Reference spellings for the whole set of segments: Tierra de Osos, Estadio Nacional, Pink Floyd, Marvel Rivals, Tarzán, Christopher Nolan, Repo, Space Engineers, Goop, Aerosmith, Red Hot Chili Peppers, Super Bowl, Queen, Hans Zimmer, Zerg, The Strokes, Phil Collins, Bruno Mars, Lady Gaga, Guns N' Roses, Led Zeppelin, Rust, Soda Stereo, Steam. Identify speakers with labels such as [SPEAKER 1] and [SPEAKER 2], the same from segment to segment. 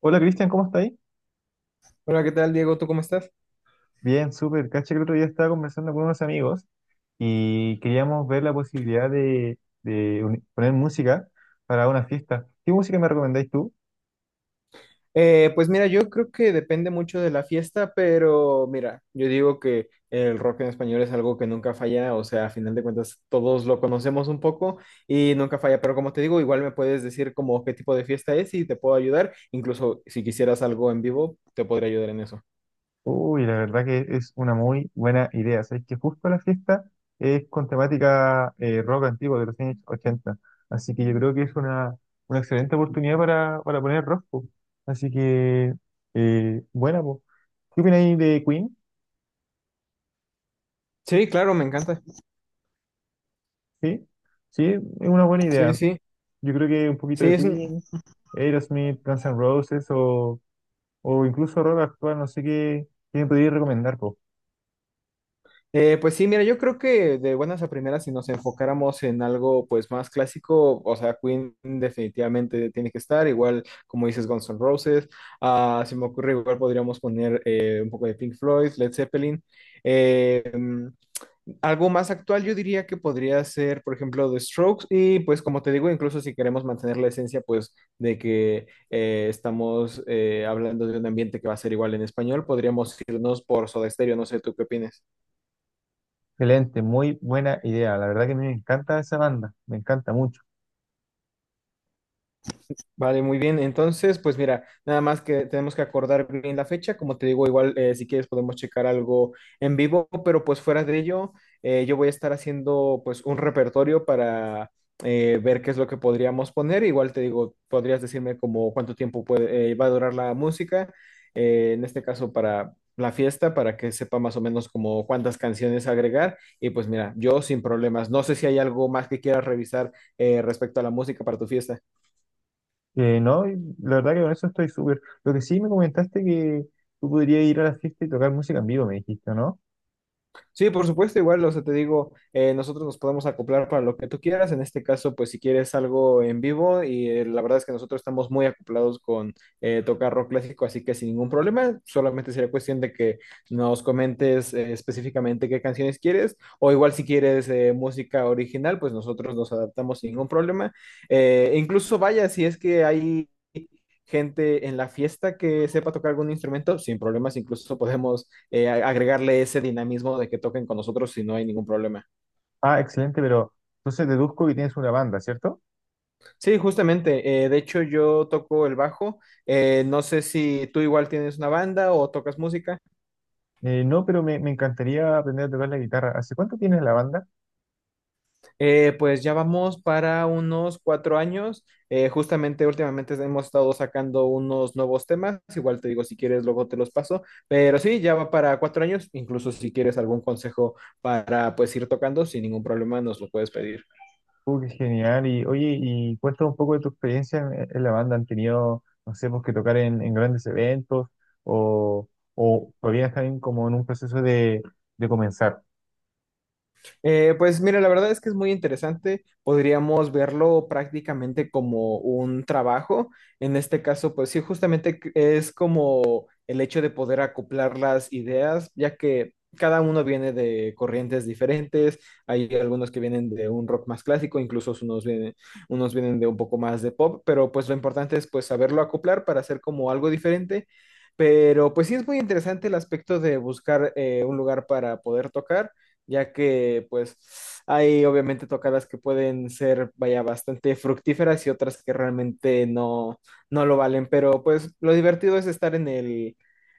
[SPEAKER 1] Hola Cristian, ¿cómo estáis?
[SPEAKER 2] Hola, ¿qué tal, Diego? ¿Tú cómo estás?
[SPEAKER 1] Bien, súper. Caché que el otro día estaba conversando con unos amigos y queríamos ver la posibilidad de poner música para una fiesta. ¿Qué música me recomendáis tú?
[SPEAKER 2] Pues mira, yo creo que depende mucho de la fiesta, pero mira, yo digo que el rock en español es algo que nunca falla, o sea, a final de cuentas todos lo conocemos un poco y nunca falla, pero como te digo, igual me puedes decir como qué tipo de fiesta es y te puedo ayudar, incluso si quisieras algo en vivo, te podría ayudar en eso.
[SPEAKER 1] Uy, la verdad que es una muy buena idea. Sabéis que justo la fiesta es con temática rock antiguo de los años ochenta. Así que yo creo que es una excelente oportunidad para poner rock, po. Así que buena, po. ¿Qué opináis de Queen?
[SPEAKER 2] Sí, claro, me encanta.
[SPEAKER 1] Sí, sí, es una buena
[SPEAKER 2] Sí,
[SPEAKER 1] idea.
[SPEAKER 2] sí,
[SPEAKER 1] Yo creo que un poquito
[SPEAKER 2] sí,
[SPEAKER 1] de
[SPEAKER 2] es un.
[SPEAKER 1] Queen, Aerosmith, Guns N' Roses o incluso rock actual, no sé qué, qué me podrías recomendar, po.
[SPEAKER 2] Pues sí, mira, yo creo que de buenas a primeras, si nos enfocáramos en algo pues más clásico, o sea, Queen definitivamente tiene que estar, igual como dices Guns N' Roses, ah, se me ocurre igual podríamos poner un poco de Pink Floyd, Led Zeppelin. Eh, mm, Algo más actual yo diría que podría ser, por ejemplo, The Strokes, y pues como te digo, incluso si queremos mantener la esencia pues de que estamos hablando de un ambiente que va a ser igual en español, podríamos irnos por Soda Stereo, no sé, ¿tú qué opinas?
[SPEAKER 1] Excelente, muy buena idea. La verdad que me encanta esa banda, me encanta mucho.
[SPEAKER 2] Vale, muy bien. Entonces, pues mira, nada más que tenemos que acordar bien la fecha. Como te digo, igual si quieres podemos checar algo en vivo, pero pues fuera de ello, yo voy a estar haciendo pues un repertorio para ver qué es lo que podríamos poner. Igual te digo, podrías decirme como cuánto tiempo puede, va a durar la música, en este caso para la fiesta, para que sepa más o menos como cuántas canciones agregar. Y pues mira, yo sin problemas. No sé si hay algo más que quieras revisar respecto a la música para tu fiesta.
[SPEAKER 1] No, y la verdad que con eso estoy súper. Lo que sí me comentaste que tú podrías ir a la fiesta y tocar música en vivo, me dijiste, ¿no?
[SPEAKER 2] Sí, por supuesto, igual, o sea, te digo, nosotros nos podemos acoplar para lo que tú quieras. En este caso, pues si quieres algo en vivo, y la verdad es que nosotros estamos muy acoplados con tocar rock clásico, así que sin ningún problema, solamente sería cuestión de que nos comentes específicamente qué canciones quieres, o igual si quieres música original, pues nosotros nos adaptamos sin ningún problema. Incluso vaya, si es que hay gente en la fiesta que sepa tocar algún instrumento, sin problemas, incluso podemos agregarle ese dinamismo de que toquen con nosotros y no hay ningún problema.
[SPEAKER 1] Ah, excelente, pero entonces deduzco que tienes una banda, ¿cierto?
[SPEAKER 2] Sí, justamente. De hecho, yo toco el bajo. No sé si tú igual tienes una banda o tocas música.
[SPEAKER 1] No, pero me encantaría aprender a tocar la guitarra. ¿Hace cuánto tienes la banda?
[SPEAKER 2] Pues ya vamos para unos 4 años. Justamente últimamente hemos estado sacando unos nuevos temas. Igual te digo, si quieres, luego te los paso. Pero sí, ya va para 4 años. Incluso si quieres algún consejo para pues ir tocando, sin ningún problema nos lo puedes pedir.
[SPEAKER 1] Qué genial. Y oye, y cuéntame un poco de tu experiencia en la banda. ¿Han tenido, no sé, pues que tocar en grandes eventos o, o todavía están como en un proceso de comenzar?
[SPEAKER 2] Pues mira, la verdad es que es muy interesante. Podríamos verlo prácticamente como un trabajo. En este caso, pues sí, es como el hecho de poder acoplar las ideas, ya que cada uno viene de corrientes diferentes. Hay algunos que vienen de un rock más clásico, incluso unos vienen de un poco más de pop, pero pues lo importante es pues saberlo acoplar para hacer como algo diferente. Pero pues sí es muy interesante el aspecto de buscar un lugar para poder tocar ya que pues hay obviamente tocadas que pueden ser, vaya, bastante fructíferas y otras que realmente no, no lo valen, pero pues lo divertido es estar en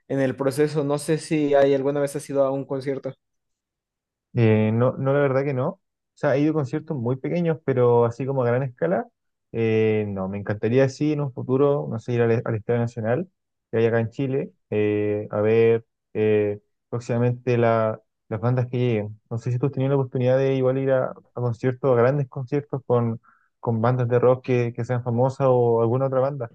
[SPEAKER 2] en el proceso. No sé si hay alguna vez has ido a un concierto.
[SPEAKER 1] No, la verdad que no. O sea, he ido a conciertos muy pequeños, pero así como a gran escala, no. Me encantaría, sí, en un futuro, no sé, ir al Estadio Nacional, que hay acá en Chile, a ver eh, próximamente las bandas que lleguen. No sé si tú has tenido la oportunidad de igual ir a conciertos, a grandes conciertos con bandas de rock que sean famosas o alguna otra banda.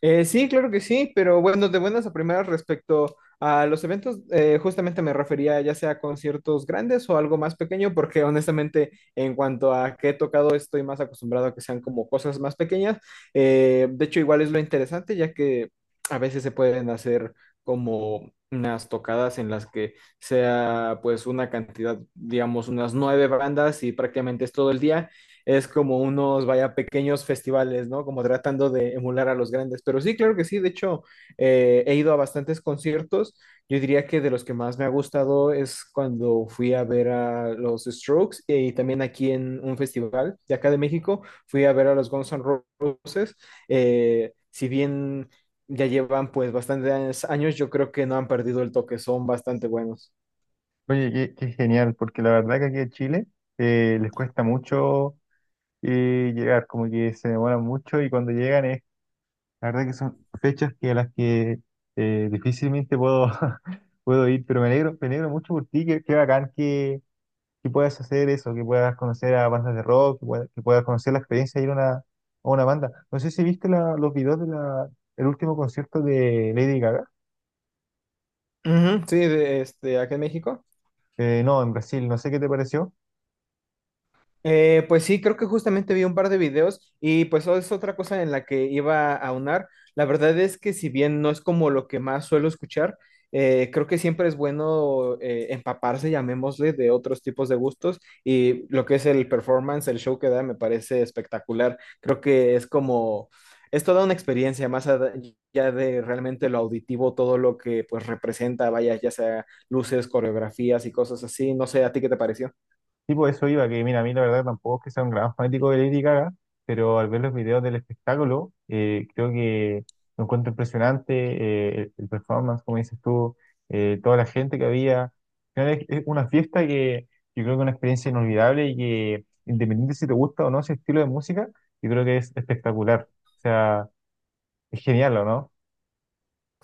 [SPEAKER 2] Sí, claro que sí, pero bueno, de buenas a primeras respecto a los eventos, justamente me refería ya sea a conciertos grandes o algo más pequeño, porque honestamente en cuanto a qué he tocado estoy más acostumbrado a que sean como cosas más pequeñas. De hecho, igual es lo interesante, ya que a veces se pueden hacer como unas tocadas en las que sea pues una cantidad, digamos, unas 9 bandas y prácticamente es todo el día, es como unos, vaya, pequeños festivales, ¿no? Como tratando de emular a los grandes. Pero sí, claro que sí. De hecho, he ido a bastantes conciertos. Yo diría que de los que más me ha gustado es cuando fui a ver a los Strokes y también aquí en un festival de acá de México, fui a ver a los Guns N' Roses. Si bien ya llevan pues bastantes años, yo creo que no han perdido el toque, son bastante buenos.
[SPEAKER 1] Oye, qué, qué genial, porque la verdad que aquí en Chile les cuesta mucho y llegar, como que se demoran mucho y cuando llegan es, la verdad que son fechas que a las que difícilmente puedo, puedo ir, pero me alegro mucho por ti, qué, qué bacán que puedas hacer eso, que puedas conocer a bandas de rock, que puedas conocer la experiencia de ir a a una banda. No sé si viste los videos de el último concierto de Lady Gaga.
[SPEAKER 2] Ujú, sí, de, este, acá en México.
[SPEAKER 1] Eh, no, en Brasil, no sé qué te pareció.
[SPEAKER 2] Pues sí, creo que justamente vi un par de videos y pues es otra cosa en la que iba a aunar. La verdad es que si bien no es como lo que más suelo escuchar, creo que siempre es bueno empaparse, llamémosle, de otros tipos de gustos y lo que es el performance, el show que da, me parece espectacular. Creo que es como, es toda una experiencia más allá de realmente lo auditivo, todo lo que pues representa, vaya, ya sea luces, coreografías y cosas así. No sé, ¿a ti qué te pareció?
[SPEAKER 1] Tipo, eso iba, que mira, a mí la verdad tampoco es que sea un gran fanático de Lady Gaga, pero al ver los videos del espectáculo, creo que lo encuentro impresionante, el performance, como dices tú, toda la gente que había. Al final es una fiesta que yo creo que es una experiencia inolvidable y que, independiente si te gusta o no ese estilo de música, yo creo que es espectacular. O sea, es genial, ¿o no?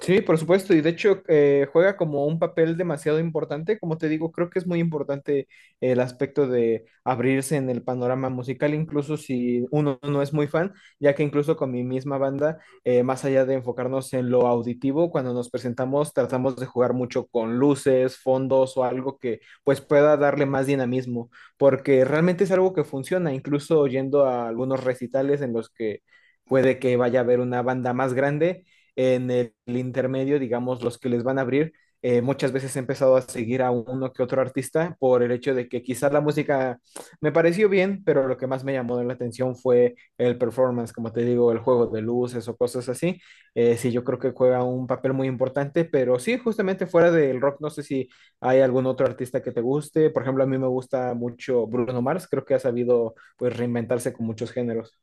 [SPEAKER 2] Sí, por supuesto, y de hecho juega como un papel demasiado importante, como te digo, creo que es muy importante el aspecto de abrirse en el panorama musical, incluso si uno no es muy fan, ya que incluso con mi misma banda, más allá de enfocarnos en lo auditivo, cuando nos presentamos tratamos de jugar mucho con luces, fondos o algo que pues pueda darle más dinamismo, porque realmente es algo que funciona, incluso yendo a algunos recitales en los que puede que vaya a haber una banda más grande en intermedio, digamos, los que les van a abrir, muchas veces he empezado a seguir a uno que otro artista por el hecho de que quizás la música me pareció bien, pero lo que más me llamó la atención fue el performance, como te digo, el juego de luces o cosas así. Sí, yo creo que juega un papel muy importante, pero sí, justamente fuera del rock, no sé si hay algún otro artista que te guste. Por ejemplo, a mí me gusta mucho Bruno Mars, creo que ha sabido pues reinventarse con muchos géneros.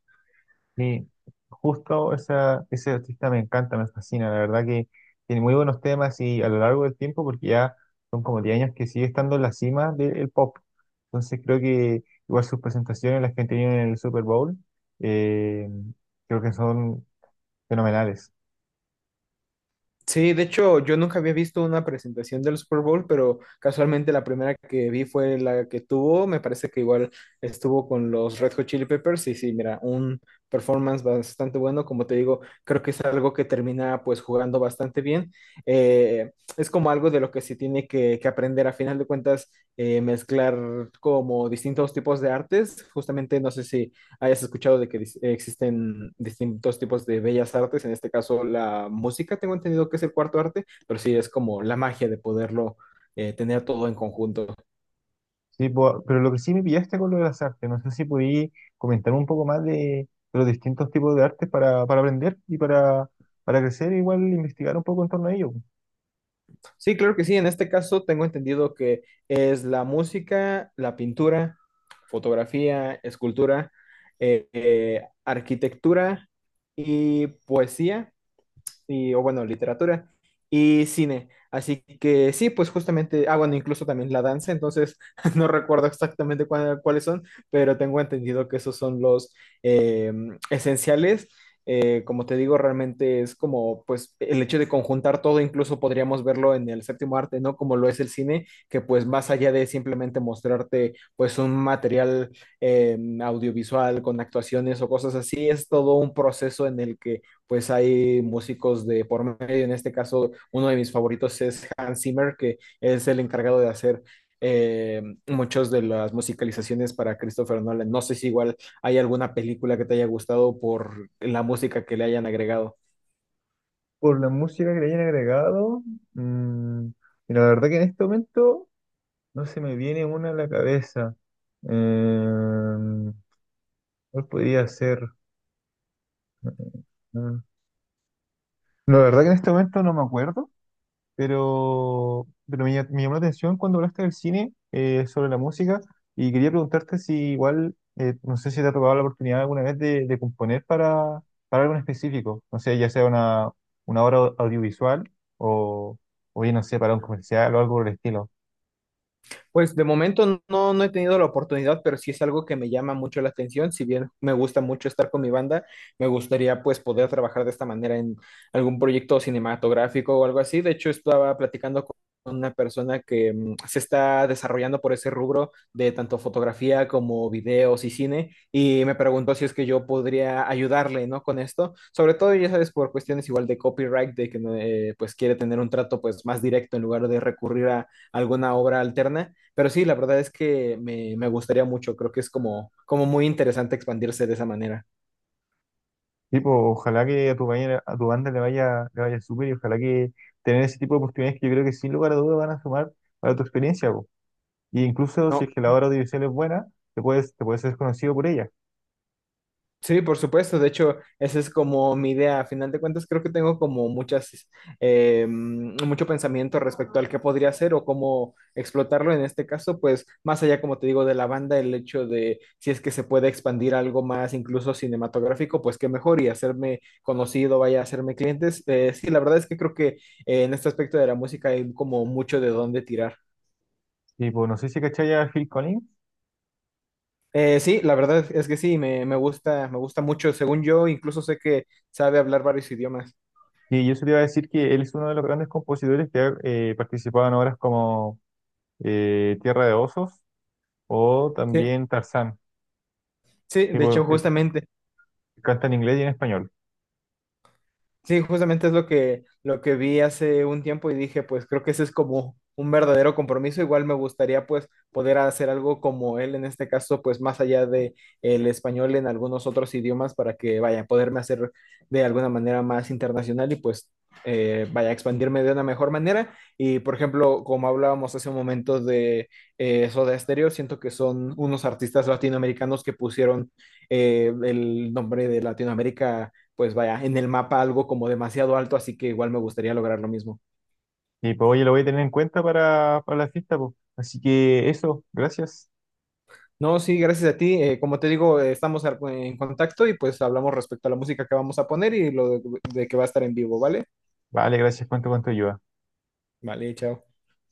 [SPEAKER 1] Sí, justo esa, ese artista me encanta, me fascina, la verdad que tiene muy buenos temas y a lo largo del tiempo, porque ya son como 10 años que sigue estando en la cima del pop. Entonces creo que igual sus presentaciones, las que han tenido en el Super Bowl, eh, creo que son fenomenales.
[SPEAKER 2] Sí, de hecho, yo nunca había visto una presentación del Super Bowl, pero casualmente la primera que vi fue la que tuvo, me parece que igual estuvo con los Red Hot Chili Peppers y sí, mira, un performance bastante bueno, como te digo, creo que es algo que termina pues jugando bastante bien. Es como algo de lo que se tiene que aprender a final de cuentas, mezclar como distintos tipos de artes, justamente no sé si hayas escuchado de que existen distintos tipos de bellas artes, en este caso la música, tengo entendido que es el cuarto arte, pero sí es como la magia de poderlo tener todo en conjunto.
[SPEAKER 1] Sí, po- pero lo que sí me pillaste con lo de las artes, no sé si podí comentar un poco más de los distintos tipos de artes para aprender y para crecer, igual investigar un poco en torno a ello.
[SPEAKER 2] Sí, claro que sí, en este caso tengo entendido que es la música, la pintura, fotografía, escultura, arquitectura y poesía, y, o bueno, literatura y cine. Así que sí, pues justamente, ah, bueno, incluso también la danza, entonces no recuerdo exactamente cuáles son, pero tengo entendido que esos son los eh, esenciales. Como te digo, realmente es como, pues, el hecho de conjuntar todo, incluso podríamos verlo en el séptimo arte, ¿no? Como lo es el cine, que pues más allá de simplemente mostrarte, pues, un material audiovisual con actuaciones o cosas así, es todo un proceso en el que pues hay músicos de por medio. En este caso, uno de mis favoritos es Hans Zimmer, que es el encargado de hacer muchas de las musicalizaciones para Christopher Nolan. No sé si igual hay alguna película que te haya gustado por la música que le hayan agregado.
[SPEAKER 1] Por la música que le hayan agregado, mm, y la verdad que en este momento no se me viene una a la cabeza. Eh, ¿Cuál podría ser? Mm, mm, La verdad que en este momento no me acuerdo. Pero pero me llamó la atención cuando hablaste del cine, sobre la música, y quería preguntarte si igual, no sé si te ha tocado la oportunidad alguna vez de componer para algo en específico, no sé, ya sea una obra audiovisual o, o bien no sé, para un comercial o algo por el estilo.
[SPEAKER 2] Pues de momento no, no he tenido la oportunidad, pero sí es algo que me llama mucho la atención. Si bien me gusta mucho estar con mi banda, me gustaría pues poder trabajar de esta manera en algún proyecto cinematográfico o algo así. De hecho, estaba platicando con una persona que se está desarrollando por ese rubro de tanto fotografía como videos y cine y me preguntó si es que yo podría ayudarle, ¿no? Con esto, sobre todo, ya sabes, por cuestiones igual de copyright, de que pues quiere tener un trato pues más directo en lugar de recurrir a alguna obra alterna. Pero sí, la verdad es que me gustaría mucho, creo que es como, como muy interesante expandirse de esa manera.
[SPEAKER 1] Tipo, ojalá que a a tu banda le vaya súper y ojalá que tener ese tipo de oportunidades que yo creo que sin lugar a dudas van a sumar para tu experiencia, po. Y incluso si
[SPEAKER 2] No,
[SPEAKER 1] es que la obra audiovisual es buena, te puedes ser conocido por ella.
[SPEAKER 2] sí, por supuesto, de hecho, esa es como mi idea. A final de cuentas, creo que tengo como mucho pensamiento respecto al que podría hacer o cómo explotarlo. En este caso, pues más allá, como te digo, de la banda, el hecho de si es que se puede expandir algo más, incluso cinematográfico, pues qué mejor y hacerme conocido, vaya a hacerme clientes. Sí, la verdad es que creo que en este aspecto de la música hay como mucho de dónde tirar.
[SPEAKER 1] Y pues no sé si cachai a Phil Collins,
[SPEAKER 2] Sí, la verdad es que sí, me gusta mucho. Según yo, incluso sé que sabe hablar varios idiomas.
[SPEAKER 1] y yo se te iba a decir que él es uno de los grandes compositores que ha participado en obras como Tierra de Osos o
[SPEAKER 2] Sí,
[SPEAKER 1] también Tarzán.
[SPEAKER 2] sí,
[SPEAKER 1] Y
[SPEAKER 2] de
[SPEAKER 1] pues,
[SPEAKER 2] hecho,
[SPEAKER 1] él
[SPEAKER 2] justamente.
[SPEAKER 1] canta en inglés y en español.
[SPEAKER 2] Sí, justamente es lo que vi hace un tiempo y dije, pues creo que ese es como un verdadero compromiso. Igual me gustaría pues poder hacer algo como él, en este caso, pues más allá de el español, en algunos otros idiomas para que vaya, poderme hacer de alguna manera más internacional y pues vaya a expandirme de una mejor manera. Y por ejemplo, como hablábamos hace un momento de Soda Stereo, siento que son unos artistas latinoamericanos que pusieron el nombre de Latinoamérica pues vaya, en el mapa algo como demasiado alto, así que igual me gustaría lograr lo mismo.
[SPEAKER 1] Y pues oye, lo voy a tener en cuenta para la fiesta, pues. Así que eso, gracias.
[SPEAKER 2] No, sí, gracias a ti. Como te digo, estamos en contacto y pues hablamos respecto a la música que vamos a poner y lo de que va a estar en vivo, ¿vale?
[SPEAKER 1] Vale, gracias, cuánto, cuánto ayuda.
[SPEAKER 2] Vale, chao.